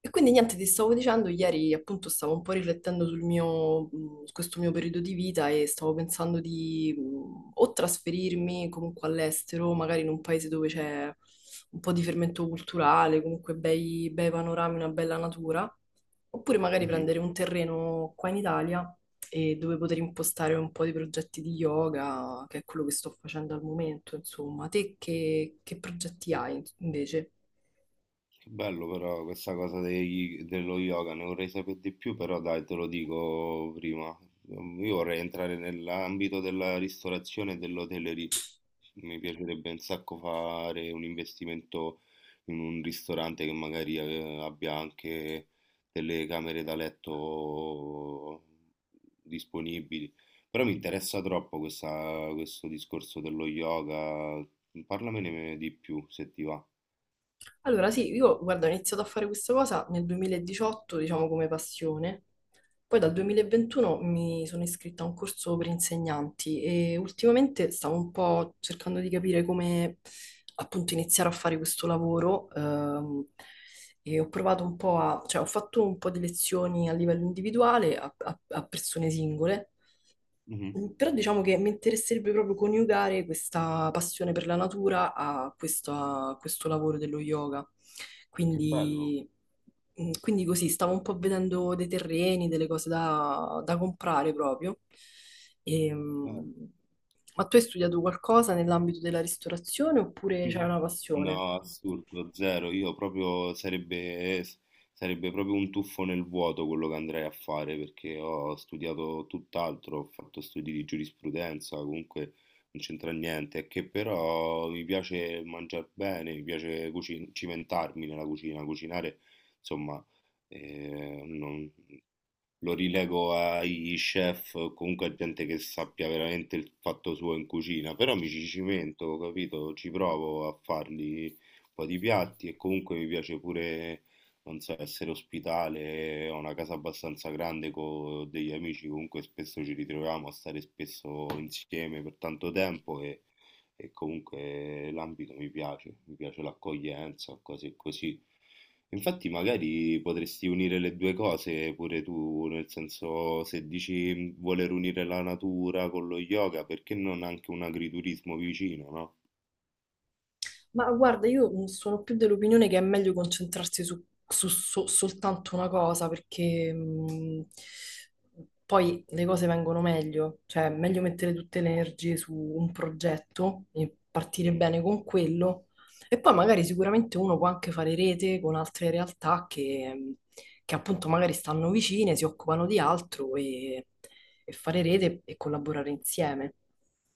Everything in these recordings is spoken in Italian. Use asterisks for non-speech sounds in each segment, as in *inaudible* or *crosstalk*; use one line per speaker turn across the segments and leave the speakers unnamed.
E quindi niente, ti stavo dicendo, ieri appunto stavo un po' riflettendo sul mio, su questo mio periodo di vita e stavo pensando di o trasferirmi comunque all'estero, magari in un paese dove c'è un po' di fermento culturale, comunque bei panorami, una bella natura, oppure magari
Mhm.
prendere un terreno qua in Italia e dove poter impostare un po' di progetti di yoga, che è quello che sto facendo al momento, insomma. Te che progetti hai invece?
Che bello però questa cosa dello yoga, ne vorrei sapere di più, però dai, te lo dico prima. Io vorrei entrare nell'ambito della ristorazione e dell'hotellerie. Mi piacerebbe un sacco fare un investimento in un ristorante che magari abbia anche delle camere da letto disponibili. Però mi interessa troppo questo discorso dello yoga. Parlamene di più se ti va.
Allora, sì, io guarda, ho iniziato a fare questa cosa nel 2018, diciamo come passione. Poi dal 2021 mi sono iscritta a un corso per insegnanti e ultimamente stavo un po' cercando di capire come appunto iniziare a fare questo lavoro. E ho provato un po' a, cioè ho fatto un po' di lezioni a livello individuale a persone singole.
Mh-mh.
Però diciamo che mi interesserebbe proprio coniugare questa passione per la natura a questo lavoro dello yoga.
Che bello,
Quindi, quindi così, stavo un po' vedendo dei terreni, delle cose da comprare proprio. E, mm,
bello.
ma tu hai studiato qualcosa nell'ambito della ristorazione oppure c'è
Mh.
una passione?
No, assurdo, zero. Io proprio sarebbe s Sarebbe proprio un tuffo nel vuoto quello che andrei a fare, perché ho studiato tutt'altro, ho fatto studi di giurisprudenza, comunque non c'entra niente, è che però mi piace mangiar bene, mi piace cuci cimentarmi nella cucina, cucinare, insomma, non Lo rilego ai chef, o comunque a gente che sappia veramente il fatto suo in cucina, però mi ci cimento, capito? Ci provo a farli un po' di piatti e comunque mi piace pure, non so, essere ospitale, ho una casa abbastanza grande con degli amici, comunque spesso ci ritroviamo a stare spesso insieme per tanto tempo e comunque l'ambito mi piace l'accoglienza, cose così. Infatti magari potresti unire le 2 cose pure tu, nel senso se dici "Mhmm, voler unire la natura con lo yoga, perché non anche un agriturismo vicino, no?
Ma guarda, io sono più dell'opinione che è meglio concentrarsi su, soltanto una cosa, perché poi le cose vengono meglio, cioè è meglio mettere tutte le energie su un progetto e partire
Mh-mh,
bene con quello, e poi magari sicuramente uno può anche fare rete con altre realtà che appunto magari stanno vicine, si occupano di altro e fare
sì.
rete e collaborare insieme.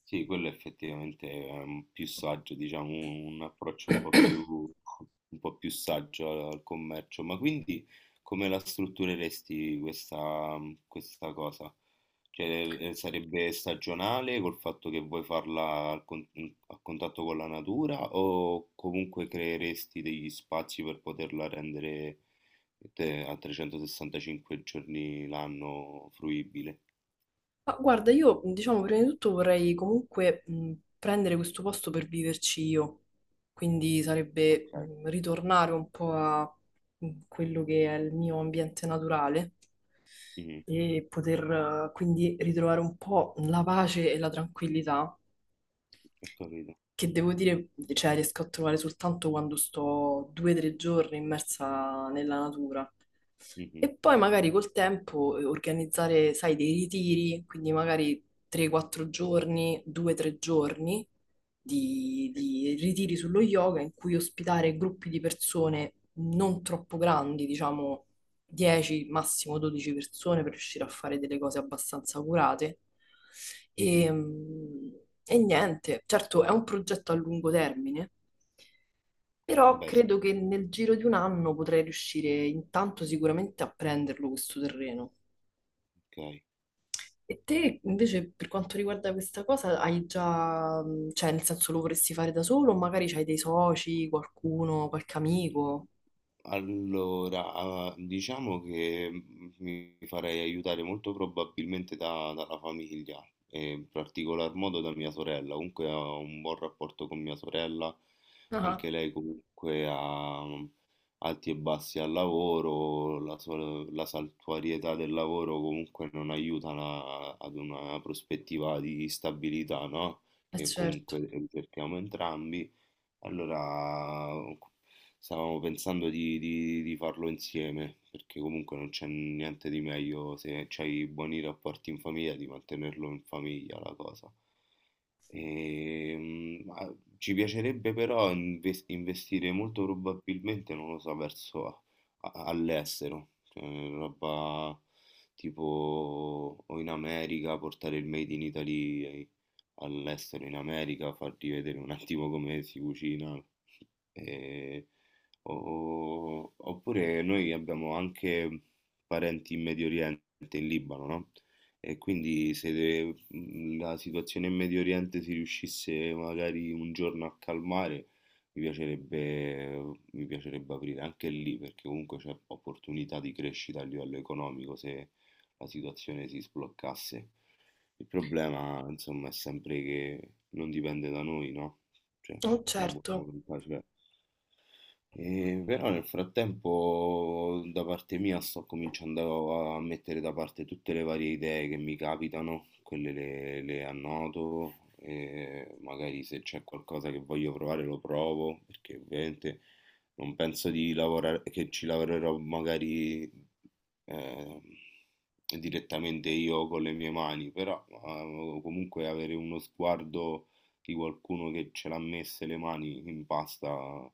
Sì, quello effettivamente è più saggio, diciamo, un approccio
*clears throat*
un po' più saggio al, al commercio. Ma quindi come la struttureresti questa, questa cosa? Cioè, sarebbe stagionale col fatto che vuoi farla a contatto con la natura o comunque creeresti degli spazi per poterla rendere a 365 giorni l'anno fruibile?
Ma guarda, io diciamo prima di tutto vorrei comunque prendere questo posto per viverci io, quindi sarebbe
Ok,
ritornare un po' a quello che è il mio ambiente naturale
mhm,
e poter quindi ritrovare un po' la pace e la tranquillità
ho capito.
che devo dire, cioè, riesco a trovare soltanto quando sto due o tre giorni immersa nella natura.
Mhm.
E poi magari col tempo organizzare, sai, dei ritiri, quindi magari 3-4 giorni, 2-3 giorni di ritiri sullo yoga in cui ospitare gruppi di persone non troppo grandi, diciamo 10, massimo 12 persone per riuscire a fare delle cose abbastanza curate. E,
Mh-mh.
mm, e niente, certo è un progetto a lungo termine, però
Beh sì,
credo che nel giro di un anno potrei riuscire intanto sicuramente a prenderlo questo terreno.
okay.
E te invece per quanto riguarda questa cosa hai già, cioè nel senso lo vorresti fare da solo o magari c'hai dei soci, qualcuno, qualche amico?
Allora, diciamo che, mi farei aiutare molto probabilmente da dalla famiglia e in particolar modo da mia sorella. Comunque ho un buon rapporto con mia sorella,
Ah,
anche lei comunque ha, alti e bassi al lavoro, la saltuarietà del lavoro comunque non aiuta la ad una prospettiva di stabilità, no,
eh
che
certo,
comunque, cerchiamo entrambi. Allora, stavamo pensando di farlo insieme, perché comunque non c'è niente di meglio se c'hai buoni rapporti in famiglia, di mantenerlo in famiglia la cosa. Ma ci piacerebbe però investire molto probabilmente, non lo so, verso all'estero, cioè roba tipo o in America, portare il Made in Italy all'estero, in America, farti vedere un attimo come si cucina. E- Oppure noi abbiamo anche parenti in Medio Oriente, in Libano, no? E quindi se de- mhmm, la situazione in Medio Oriente si riuscisse magari un giorno a calmare, mi piacerebbe aprire anche lì, perché comunque c'è opportunità di crescita a livello economico se la situazione si sbloccasse. Il problema, insomma, è sempre che non dipende da noi, no? Cioè,
oh,
la buona
certo.
volontà c'è. E però nel frattempo da parte mia sto cominciando a mettere da parte tutte le varie idee che mi capitano, quelle le annoto e magari se c'è qualcosa che voglio provare lo provo, perché ovviamente non penso di lavorare, che ci lavorerò magari eh, direttamente io con le mie mani, però comunque avere uno sguardo di qualcuno che ce l'ha messe le mani in pasta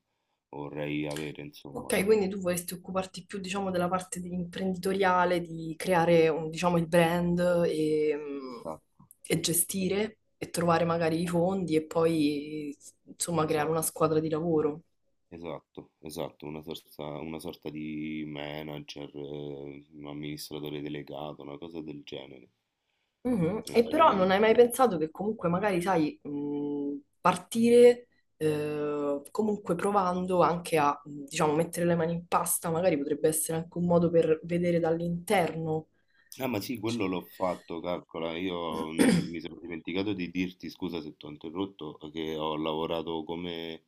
vorrei avere, insomma.
Ok, quindi tu vorresti occuparti più, diciamo, imprenditoriale, diciamo, il brand e, mm,
Esatto,
e gestire e trovare magari i
esatto,
fondi e poi, insomma, creare una
esatto,
squadra di lavoro.
esatto, esatto, una sorta di manager, un amministratore delegato, una cosa del genere.
Mhm.
Mi
E però
farei-
non hai mai pensato che comunque magari, sai, partire comunque provando anche a, diciamo, mettere le mani in pasta, magari potrebbe essere anche un modo per vedere dall'interno.
Ah, ma sì, quello l'ho fatto, calcola. Io non-
*clears throat*
Mi sono dimenticato di dirti, scusa se ti ho interrotto, che ho lavorato come,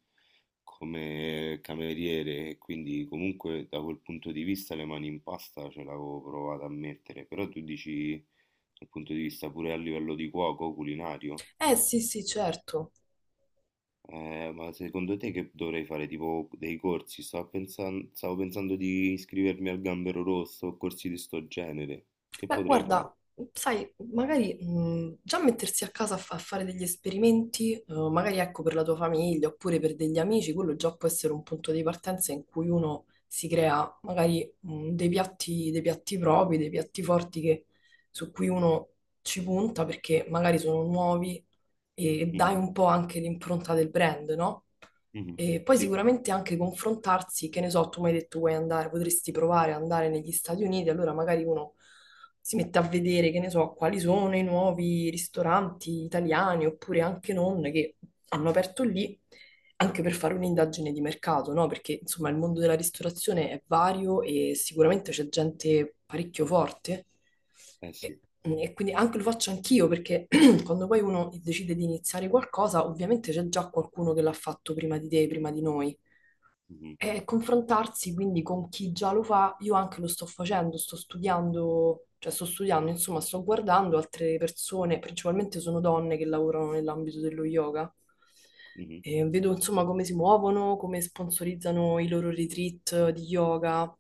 come cameriere e quindi comunque da quel punto di vista le mani in pasta ce l'avevo provato a mettere. Però tu dici dal punto di vista pure a livello di cuoco, culinario.
Eh sì, sì, certo.
Ma secondo te che dovrei fare? Tipo dei corsi? Stavo pensando di iscrivermi al Gambero Rosso o corsi di sto genere. Che
Beh,
potrei fare?
guarda, sai, magari già mettersi a casa a fare degli esperimenti, magari ecco per la tua famiglia oppure per degli amici, quello già può essere un punto di partenza in cui uno si crea magari dei piatti propri, dei piatti forti che- su cui uno ci punta perché magari sono nuovi e dai un po' anche l'impronta del brand, no?
Mh-mh.
E poi
Sì,
sicuramente anche confrontarsi, che ne so, tu mi hai detto vuoi andare, potresti provare ad andare negli Stati Uniti, allora magari uno si mette a vedere, che ne so, quali sono i nuovi ristoranti italiani oppure anche non che hanno aperto lì, anche per fare un'indagine di mercato, no? Perché insomma il mondo della ristorazione è vario e sicuramente c'è gente parecchio forte.
eh
E,
sì.
e quindi anche lo faccio anch'io perché *clears throat* quando poi uno decide di iniziare qualcosa, ovviamente c'è già qualcuno che l'ha fatto prima di te, prima di noi.
Mh-mh,
E confrontarsi quindi con chi già lo fa, io anche lo sto facendo, sto studiando, cioè sto studiando, insomma, sto guardando altre persone, principalmente sono donne che lavorano nell'ambito dello yoga.
mh-mh,
E vedo insomma come si muovono, come sponsorizzano i loro retreat di yoga.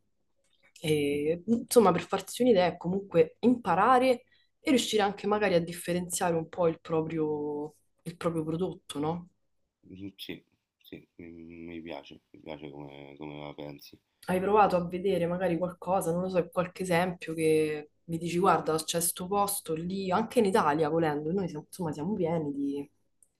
mh-mh.
E, insomma, per farsi un'idea è comunque imparare e riuscire anche magari a differenziare un po' il proprio prodotto, no?
Sì, sì, mi mi piace come come la pensi.
Hai provato a vedere magari qualcosa, non lo so, qualche esempio che mi dici, guarda, c'è sto posto lì, anche in Italia, volendo, insomma siamo pieni di,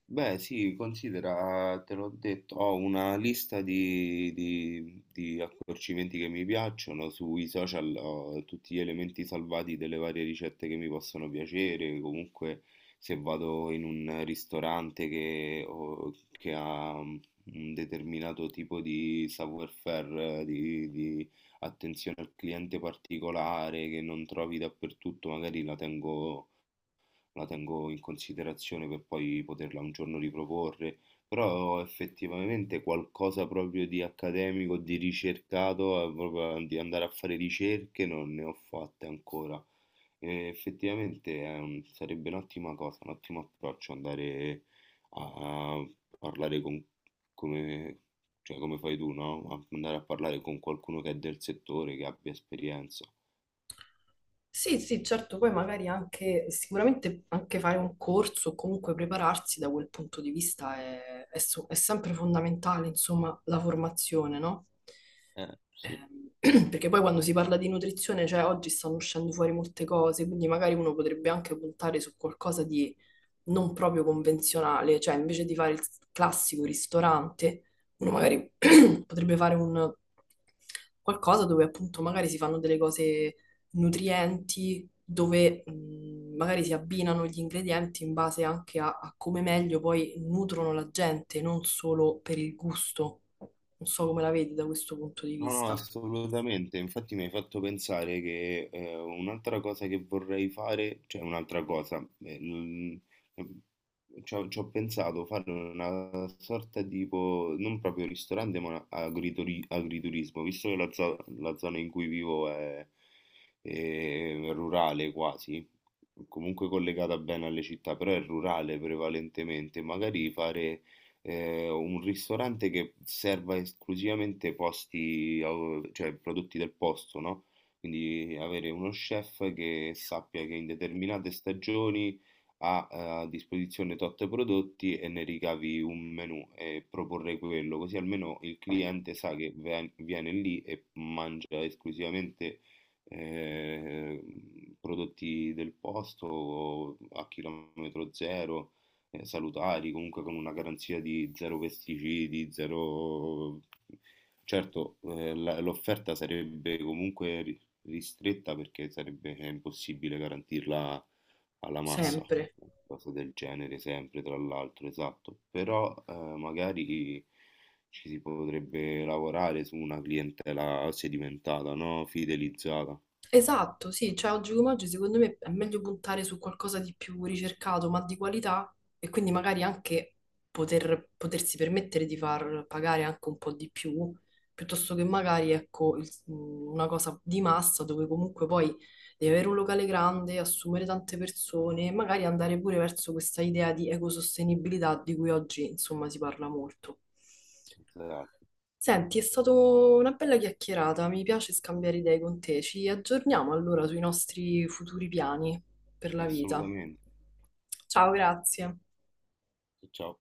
Beh, sì, considera, te l'ho detto, ho una lista di accorcimenti che mi piacciono, sui social ho tutti gli elementi salvati delle varie ricette che mi possono piacere, comunque se vado in un ristorante che ha un determinato tipo di savoir-faire, di attenzione al cliente particolare che non trovi dappertutto, magari la tengo in considerazione per poi poterla un giorno riproporre, però effettivamente qualcosa proprio di accademico, di ricercato, proprio di andare a fare ricerche non ne ho fatte ancora. E effettivamente è sarebbe un'ottima cosa, un ottimo approccio andare a parlare con, come, cioè come fai tu, no? Andare a parlare con qualcuno che è del settore, che abbia esperienza.
sì, sì, certo, poi magari anche, sicuramente anche fare un corso o comunque prepararsi da quel punto di vista è sempre fondamentale, insomma, la formazione, no?
Sì.
Ehm, *clears throat* Perché poi quando si parla di nutrizione, cioè oggi stanno uscendo fuori molte cose, quindi magari uno potrebbe anche puntare su qualcosa di non proprio convenzionale, cioè invece di fare il classico ristorante, uno magari *clears throat* potrebbe fare un qualcosa dove appunto magari si fanno delle cose nutrienti, dove magari si abbinano gli ingredienti in base anche a come meglio poi nutrono la gente, non solo per il gusto. Non so come la vedi da questo punto di
No, no,
vista,
assolutamente. Infatti mi hai fatto pensare che un'altra cosa che vorrei fare, cioè un'altra cosa, eh, l- ci ho pensato fare una sorta tipo, non proprio ristorante, agriturismo, visto che la zona in cui vivo è rurale quasi, comunque collegata bene alle città, però è rurale prevalentemente, magari fare un ristorante che serva esclusivamente cioè prodotti del posto, no? Quindi avere uno chef che sappia che in determinate stagioni ha a disposizione tot prodotti e ne ricavi un menù e proporre quello, così almeno il cliente sa che viene lì e mangia esclusivamente eh, prodotti del posto o a chilometro zero salutari, comunque con una garanzia di zero pesticidi, zero... Certo, l'offerta sarebbe comunque ristretta perché sarebbe impossibile garantirla alla massa,
sempre.
una cosa del genere sempre, tra l'altro, esatto. Però magari ci si potrebbe lavorare su una clientela sedimentata, no? Fidelizzata.
Esatto, sì, cioè oggi come oggi secondo me è meglio puntare su qualcosa di più ricercato ma di qualità e quindi magari anche potersi permettere di far pagare anche un po' di più, piuttosto che magari ecco una cosa di massa dove comunque poi devi avere un locale grande, assumere tante persone e magari andare pure verso questa idea di ecosostenibilità di cui oggi insomma si parla molto.
Esatto,
Senti, è stata una bella chiacchierata, mi piace scambiare idee con te. Ci aggiorniamo allora sui nostri futuri piani per la vita.
assolutamente.
Ciao, grazie.
Ciao.